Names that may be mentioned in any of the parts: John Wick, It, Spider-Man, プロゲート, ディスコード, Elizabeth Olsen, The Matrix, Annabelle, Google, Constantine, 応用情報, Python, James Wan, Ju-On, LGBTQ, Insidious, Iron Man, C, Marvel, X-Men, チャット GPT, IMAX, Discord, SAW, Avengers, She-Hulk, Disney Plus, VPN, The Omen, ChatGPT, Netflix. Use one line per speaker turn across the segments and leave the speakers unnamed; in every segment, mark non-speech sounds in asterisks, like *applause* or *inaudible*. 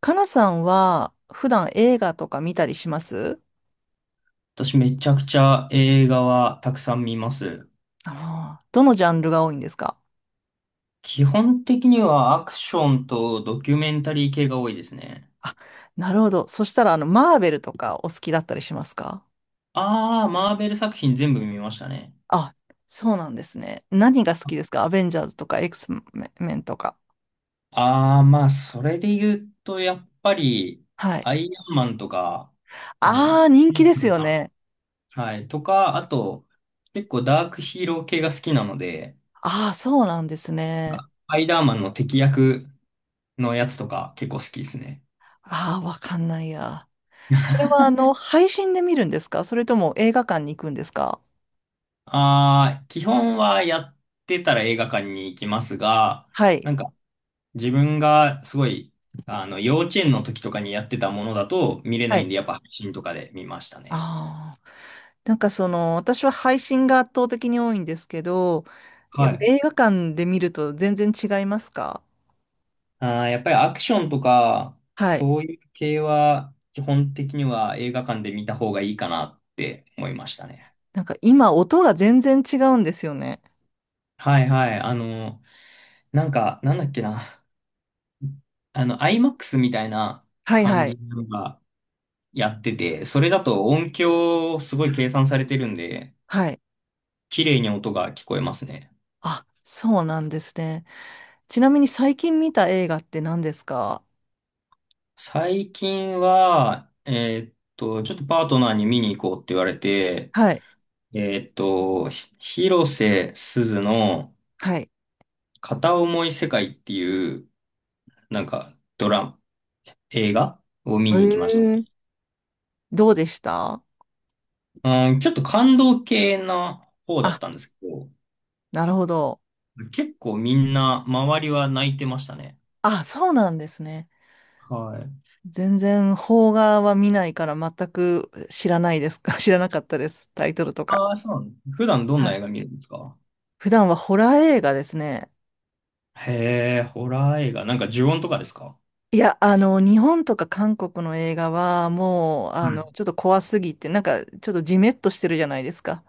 かなさんは普段映画とか見たりします？
私めちゃくちゃ映画はたくさん見ます。
ああー、どのジャンルが多いんですか？
基本的にはアクションとドキュメンタリー系が多いですね。
なるほど。そしたら、マーベルとかお好きだったりしますか？
ああ、マーベル作品全部見ましたね。
あ、そうなんですね。何が好きですか？アベンジャーズとかエクスメンとか。
ああ、まあ、それで言うと、やっぱり、
はい。
アイアンマンとか、あの、
ああ、人
シ
気
ン
で
プ
す
ル
よ
な、
ね。
はい、とか、あと、結構ダークヒーロー系が好きなので、
ああ、そうなんです
なん
ね。
かスパイダーマンの敵役のやつとか結構好きですね。
ああ、わかんないや。それは、配信で見るんですか、それとも映画館に行くんですか？
ああ、基本はやってたら映画館に行きますが、
はい。
なんか自分がすごい、幼稚園の時とかにやってたものだと見れな
は
いん
い。
で、やっぱ配信とかで見ましたね。
ああ。なんかその、私は配信が圧倒的に多いんですけど、や
は
っぱ
い。
映画館で見ると全然違いますか？
ああ、やっぱりアクションとか、
はい。
そういう系は基本的には映画館で見た方がいいかなって思いましたね。
なんか今音が全然違うんですよね。
はいはい。なんだっけな。あの、IMAX みたいな
はいは
感じ
い。
のがやってて、それだと音響すごい計算されてるんで、
はい。
綺麗に音が聞こえますね。
あ、そうなんですね。ちなみに最近見た映画って何ですか？
最近は、ちょっとパートナーに見に行こうって言われて、
はい。
広瀬すずの
はい。
片思い世界っていう、なんかドラマ、映画を見
え
に行きまし
ー、どうでした？
た。うん、ちょっと感動系な方だっ
あ、
たんですけど、
なるほど。
結構みんな周りは泣いてましたね。
あ、そうなんですね。
はい。
全然邦画は見ないから全く知らないですか？ *laughs* 知らなかったです。タイトルとか。
ああ、そうなんです。普段どん
は
な
い、
映画見るんですか？
普段はホラー映画ですね。
へえ、ホラー映画。なんか呪音とかですか？
いや、日本とか韓国の映画はもう、
はい。うん、
ちょっと怖すぎて、なんか、ちょっとジメッとしてるじゃないですか。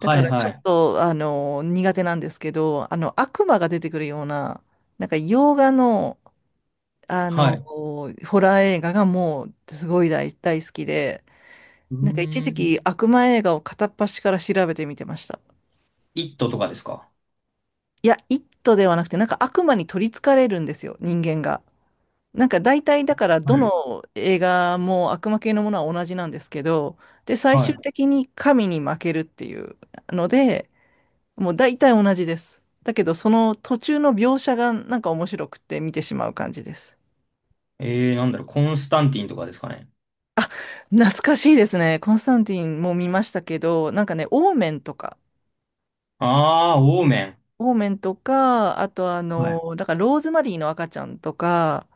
だか
い
ら、ち
は
ょっ
い。
と、苦手なんですけど、悪魔が出てくるような、なんか、洋画の、
はい。
ホラー映画がもう、すごい大好きで、
う
なんか、一時
ーん。
期、悪魔映画を片っ端から調べてみてました。
イットとかですか？
いや、イットではなくて、なんか、悪魔に取り憑かれるんですよ、人間が。なんか大体だから
は
ど
い。
の映画も悪魔系のものは同じなんですけど、で、最終
は
的に神に負けるっていうので、もう大体同じです。だけどその途中の描写がなんか面白くて見てしまう感じです。
い。えー、なんだろう、コンスタンティンとかですかね。
あ、懐かしいですね。コンスタンティンも見ましたけど、なんかね、オーメンとか、
あー、オーメン。
オーメンとか、あと
はい。
だからローズマリーの赤ちゃんとか、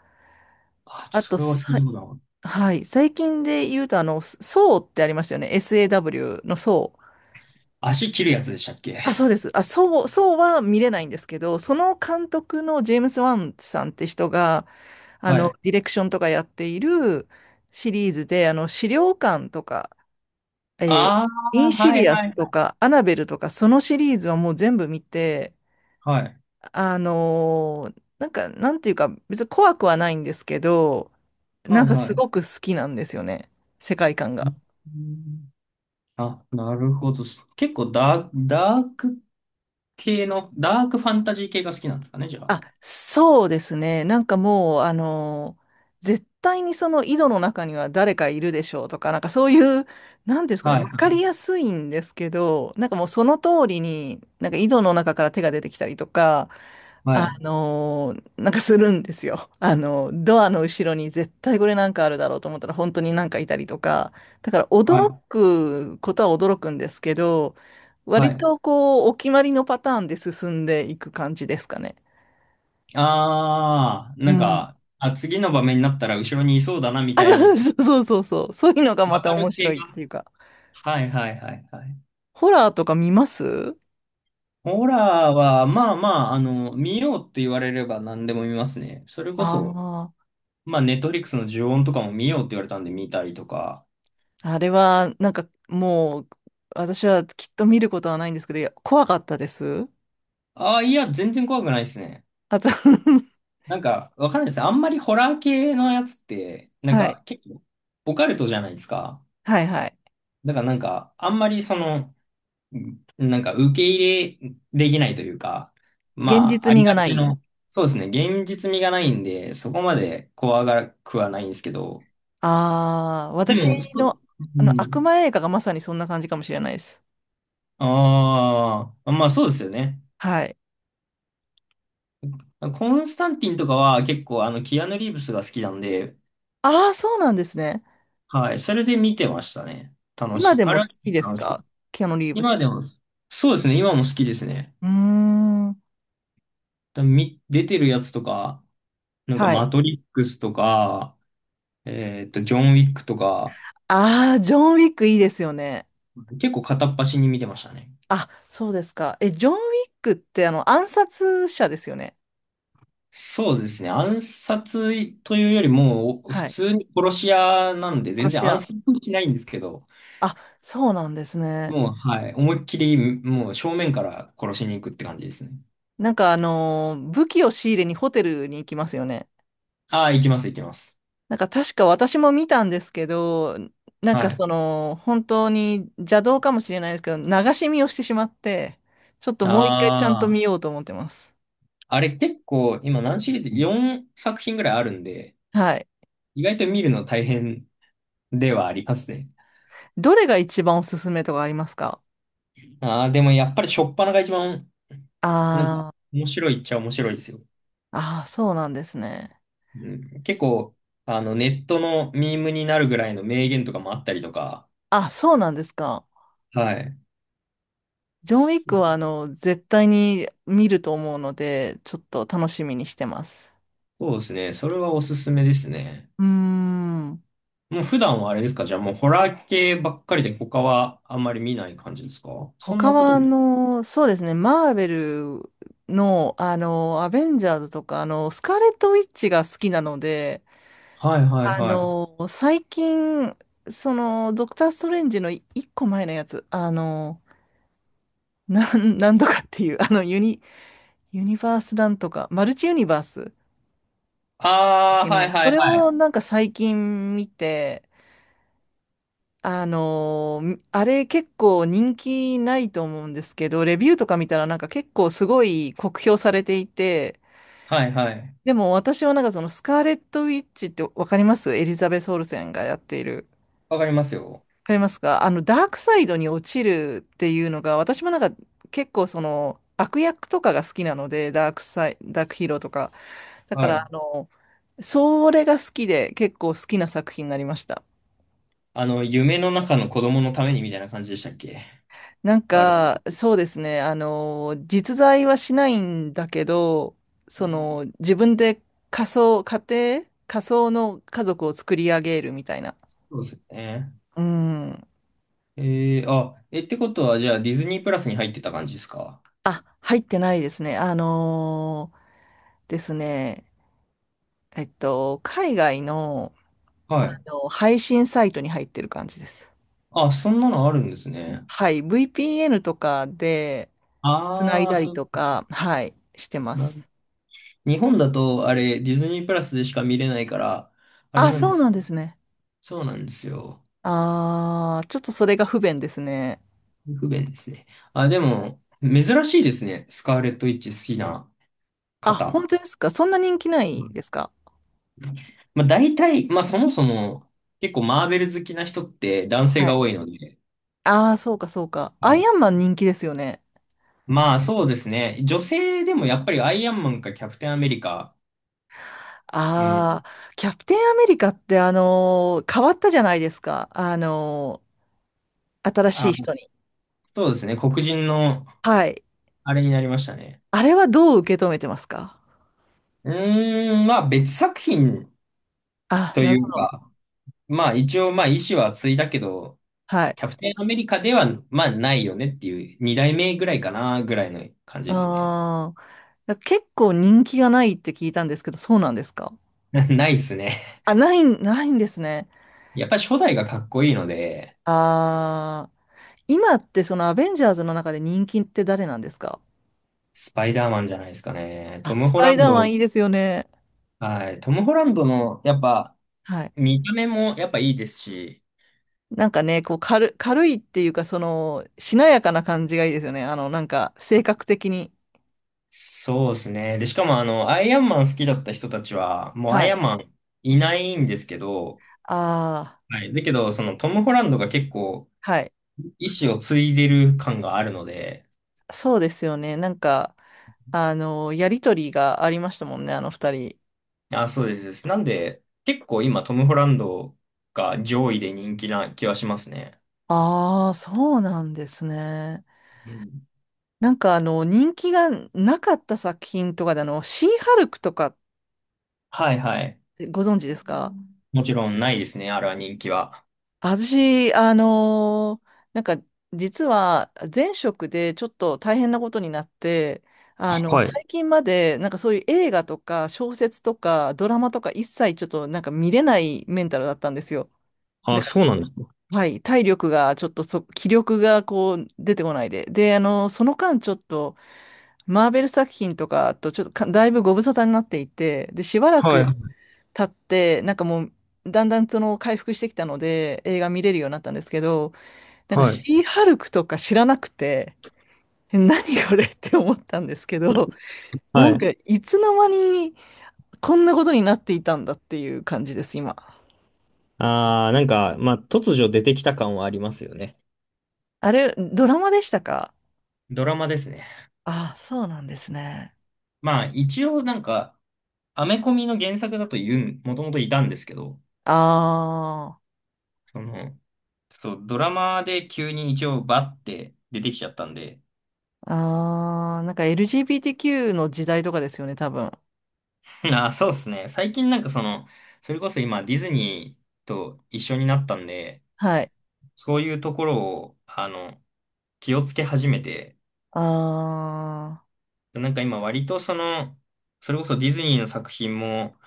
あ、
あ
そ
と
れは聞い
さ、
たことなかっ
はい、最近で言うとソーってありましたよね。SAW のソー。
た。足切るやつでしたっけ？
あ、そうです。あ、そう、そうは見れないんですけど、その監督のジェームス・ワンさんって人が、
はい。
ディレクションとかやっているシリーズで、資料館とか、えー
あ
イン
ー、
シ
はい
ディア
はい
ス
は
と
い。
か、アナベルとか、そのシリーズはもう全部見て、
はい
なんか、なんていうか、別に怖くはないんですけど、な
は
ん
い
かす
はい。
ごく好きなんですよね、世界観
う
が。
ーん、あ、なるほど。結構ダーク系の、ダークファンタジー系が好きなんですかね、じゃあ。
あ、そうですね。なんかもう、絶対にその井戸の中には誰かいるでしょうとか、なんかそういう、なんですかね、
は
わ
いは
かりやすいんですけど、なんかもうその通りに、なんか井戸の中から手が出てきたりとか、
い
なんかするんですよ。ドアの後ろに絶対これなんかあるだろうと思ったら本当になんかいたりとか、だから
は
驚
い
くことは驚くんですけど、割
はい。
とこう、お決まりのパターンで進んでいく感じですかね。
ああ、
う
なん
ん。
か、あ、次の場面になったら後ろにいそうだな、み
あ、
たい
そう
に、
そうそうそうそう。そう *laughs* いうのがま
わ
た
か
面
る
白
系
いっ
が。
ていうか。
はいはいはいはい。
ホラーとか見ます？
ホラーは、まあまあ、見ようって言われれば何でも見ますね。それこそ、
あ
まあ、ネットフリックスの呪怨とかも見ようって言われたんで見たりとか。
あー、あれはなんかもう私はきっと見ることはないんですけど、いや怖かったです。
ああ、いや、全然怖くないですね。
あと *laughs*
なんか、わかんないですね。あんまりホラー系のやつって、なん
はい、
か、結構、オカルトじゃないですか。
はいはい。
だからなんか、あんまりその、なんか受け入れできないというか、
現
まあ、
実
あ
味
り
が
が
な
ち
い。
の、そうですね、現実味がないんで、そこまで怖がらくはないんですけど、
ああ、
で
私
も、そ、
の、
う
あの悪
ん。
魔映画がまさにそんな感じかもしれないです。
ああ、まあそうですよね。
はい。
コンスタンティンとかは結構あの、キアヌ・リーブスが好きなんで、
ああ、そうなんですね。
はい、それで見てましたね。楽し
今
い。
で
あ
も
れ
好
は
きです
楽しく。
か？キアヌ・リーブス。
今でも、そうですね、今も好きですね。
うーん。
み出てるやつとか、なんか
は
マ
い。
トリックスとか、えっと、ジョン・ウィックとか、
ああ、ジョン・ウィックいいですよね。
結構片っ端に見てましたね。
あ、そうですか。え、ジョン・ウィックってあの暗殺者ですよね。
そうですね。暗殺というよりも、普
はい。
通に殺し屋なんで、
殺
全然
し
暗
屋。
殺もしないんですけど、
あ、そうなんですね。
もう、はい。思いっきり、もう正面から殺しに行くって感じですね。
なんか武器を仕入れにホテルに行きますよね。
ああ、行きます、行きます。
なんか確か私も見たんですけど、なん
は
か
い。
その、本当に邪道かもしれないですけど、流し見をしてしまって、ちょっともう一回ちゃんと
あ
見
あ、
ようと思ってます。
あれ結構、今何シリーズ？ 4 作品ぐらいあるんで、
はい。
意外と見るの大変ではありますね。
どれが一番おすすめとかありますか？
ああ、でもやっぱり初っ端が一番、
あ
なんか、
ー、
面白いっちゃ面白いですよ。
あー、そうなんですね。
うん、結構、あの、ネットのミームになるぐらいの名言とかもあったりとか、
あ、そうなんですか。
はい。
ジョン・ウィックは絶対に見ると思うので、ちょっと楽しみにしてます。
そうですね。それはおすすめですね。
うーん。
もう普段はあれですか、じゃあもうホラー系ばっかりで他はあんまり見ない感じですか、そん
他
なこと。
はそうですね、マーベルのアベンジャーズとか、スカーレット・ウィッチが好きなので、
はいはいはい。
最近、その、ドクター・ストレンジの一個前のやつ、*laughs* なんとかっていう、ユニバースなんとか、マルチユニバースだっ
ああ、
け
はい
ね、
は
そ
い
れ
はい。
をなんか最近見て、あれ結構人気ないと思うんですけど、レビューとか見たらなんか結構すごい酷評されていて、
はいはい。
でも私はなんかそのスカーレット・ウィッチってわかります？エリザベス・オルセンがやっている。
わかりますよ。
わかりますか？ダークサイドに落ちるっていうのが、私もなんか結構その悪役とかが好きなので、ダークヒーローとか。だか
は
ら
い。
それが好きで結構好きな作品になりました。
あの、夢の中の子供のためにみたいな感じでしたっけ？
なん
あれ。
か、そうですね。実在はしないんだけど、その、自分で仮想、家仮想の家族を作り上げるみたいな。
そうですよね。
うん。
えー、ってことはじゃあディズニープラスに入ってた感じですか？
あ、入ってないですね。ですね。海外の、
はい。
配信サイトに入ってる感じです。
あ、そんなのあるんですね。
はい。VPN とかで、つない
ああ、
だり
そう、
とか、はい、してま
なる、
す。
日本だと、あれ、ディズニープラスでしか見れないから、あれ
あ、
なん
そ
で
うな
す。
んですね。
そうなんですよ。
あー、ちょっとそれが不便ですね。
不便ですね。あ、でも、珍しいですね。スカーレット・ウィッチ好きな
あ、
方。
本当ですか？そんな人気ないですか？
まあ、大体、まあ、そもそも、結構マーベル好きな人って男性
は
が多
い。
いので、
ああ、そうか、そうか。ア
は
イ
い。
アンマン人気ですよね。
まあ、そうですね。女性でもやっぱりアイアンマンかキャプテンアメリカ、うん。
ああ、キャプテンアメリカって変わったじゃないですか。新しい
あ、
人に。
そうですね。黒人の、
はい。
あれになりましたね。
あれはどう受け止めてますか？
うーん、まあ別作品
あ、
と
なる
い
ほ
う
ど。
か、まあ一応まあ意志は継いだけど、
はい。
キャプテンアメリカではまあないよねっていう二代目ぐらいかなぐらいの感じですね。
ああ、結構人気がないって聞いたんですけど、そうなんですか？
*laughs* ないっすね。
あ、ないんですね。
やっぱ初代がかっこいいので、
ああ、今ってそのアベンジャーズの中で人気って誰なんですか？
スパイダーマンじゃないですかね。
あ、
トム・
ス
ホ
パ
ラ
イダ
ン
ーマ
ド、
ンいいですよね。
はい、トム・ホランドのやっぱ
はい。
見た目もやっぱいいですし、
なんかね、こう軽いっていうか、その、しなやかな感じがいいですよね。なんか、性格的に。
そうですね。で、しかもあの、アイアンマン好きだった人たちは、もうア
は
イ
い。
アンマンいないんですけど、
あ
はい。だけど、そのトム・ホランドが結構、
あ、はい。
意志を継いでる感があるので、
そうですよね。なんか、やりとりがありましたもんね、あの二人。
あ、そうですです。なんで、結構今トム・ホランドが上位で人気な気はしますね。
ああ、そうなんですね。
うん。
なんか、人気がなかった作品とかで、シーハルクとかっ
はいはい。
てご存知ですか？
もちろんないですね、あれは人気は。
私、なんか、実は前職でちょっと大変なことになって、
はい。
最近まで、なんかそういう映画とか小説とかドラマとか一切ちょっとなんか見れないメンタルだったんですよ。だ
あ、
か
そうなんですね。
ら、はい、体力がちょっと気力がこう出てこないで。で、その間ちょっと、マーベル作品とかとちょっとかだいぶご無沙汰になっていて、で、しばら
は
く
い。
経って、なんかもう、だんだんその回復してきたので映画見れるようになったんですけど、なんか
はい。
シーハルクとか知らなくて、え、何これって思ったんですけど、な
は
ん
い。
かいつの間にこんなことになっていたんだっていう感じです、今。
ああ、なんか、まあ、突如出てきた感はありますよね。
あれ、ドラマでしたか？
ドラマですね。
ああ、そうなんですね。
まあ一応なんか、アメコミの原作だと言う、もともといたんですけど、
あ
その、ちょっとドラマで急に一応バッて出てきちゃったんで。
あ、ああ、なんか LGBTQ の時代とかですよね、多分。
*laughs* あ、そうですね。最近なんかその、それこそ今ディズニーと一緒になったんで、
はい。
そういうところを、あの、気をつけ始めて、
ああ、
なんか今割とその、それこそディズニーの作品も、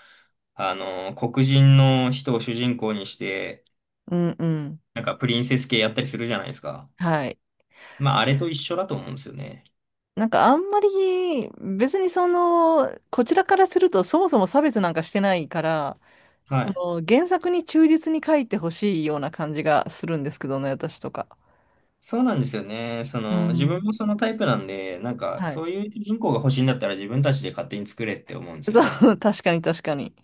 あの、黒人の人を主人公にして、
うんうん。
なんかプリンセス系やったりするじゃないですか。
はい。
まああれと一緒だと思うんですよね。
なんかあんまり別にその、こちらからするとそもそも差別なんかしてないから、
は
そ
い。
の原作に忠実に書いてほしいような感じがするんですけどね、私とか。
そうなんですよね。そ
う
の、自分
ん。
もそのタイプなんで、なんか、
はい。
そういう主人公が欲しいんだったら自分たちで勝手に作れって思うんです
そ
よね。
う、*laughs* 確かに確かに。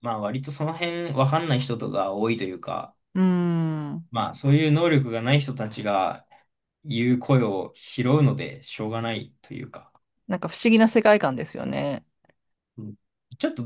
まあ、割とその辺わかんない人とか多いというか、
うーん。
まあ、そういう能力がない人たちが言う声を拾うので、しょうがないというか。
なんか不思議な世界観ですよね。
うん、ちょっと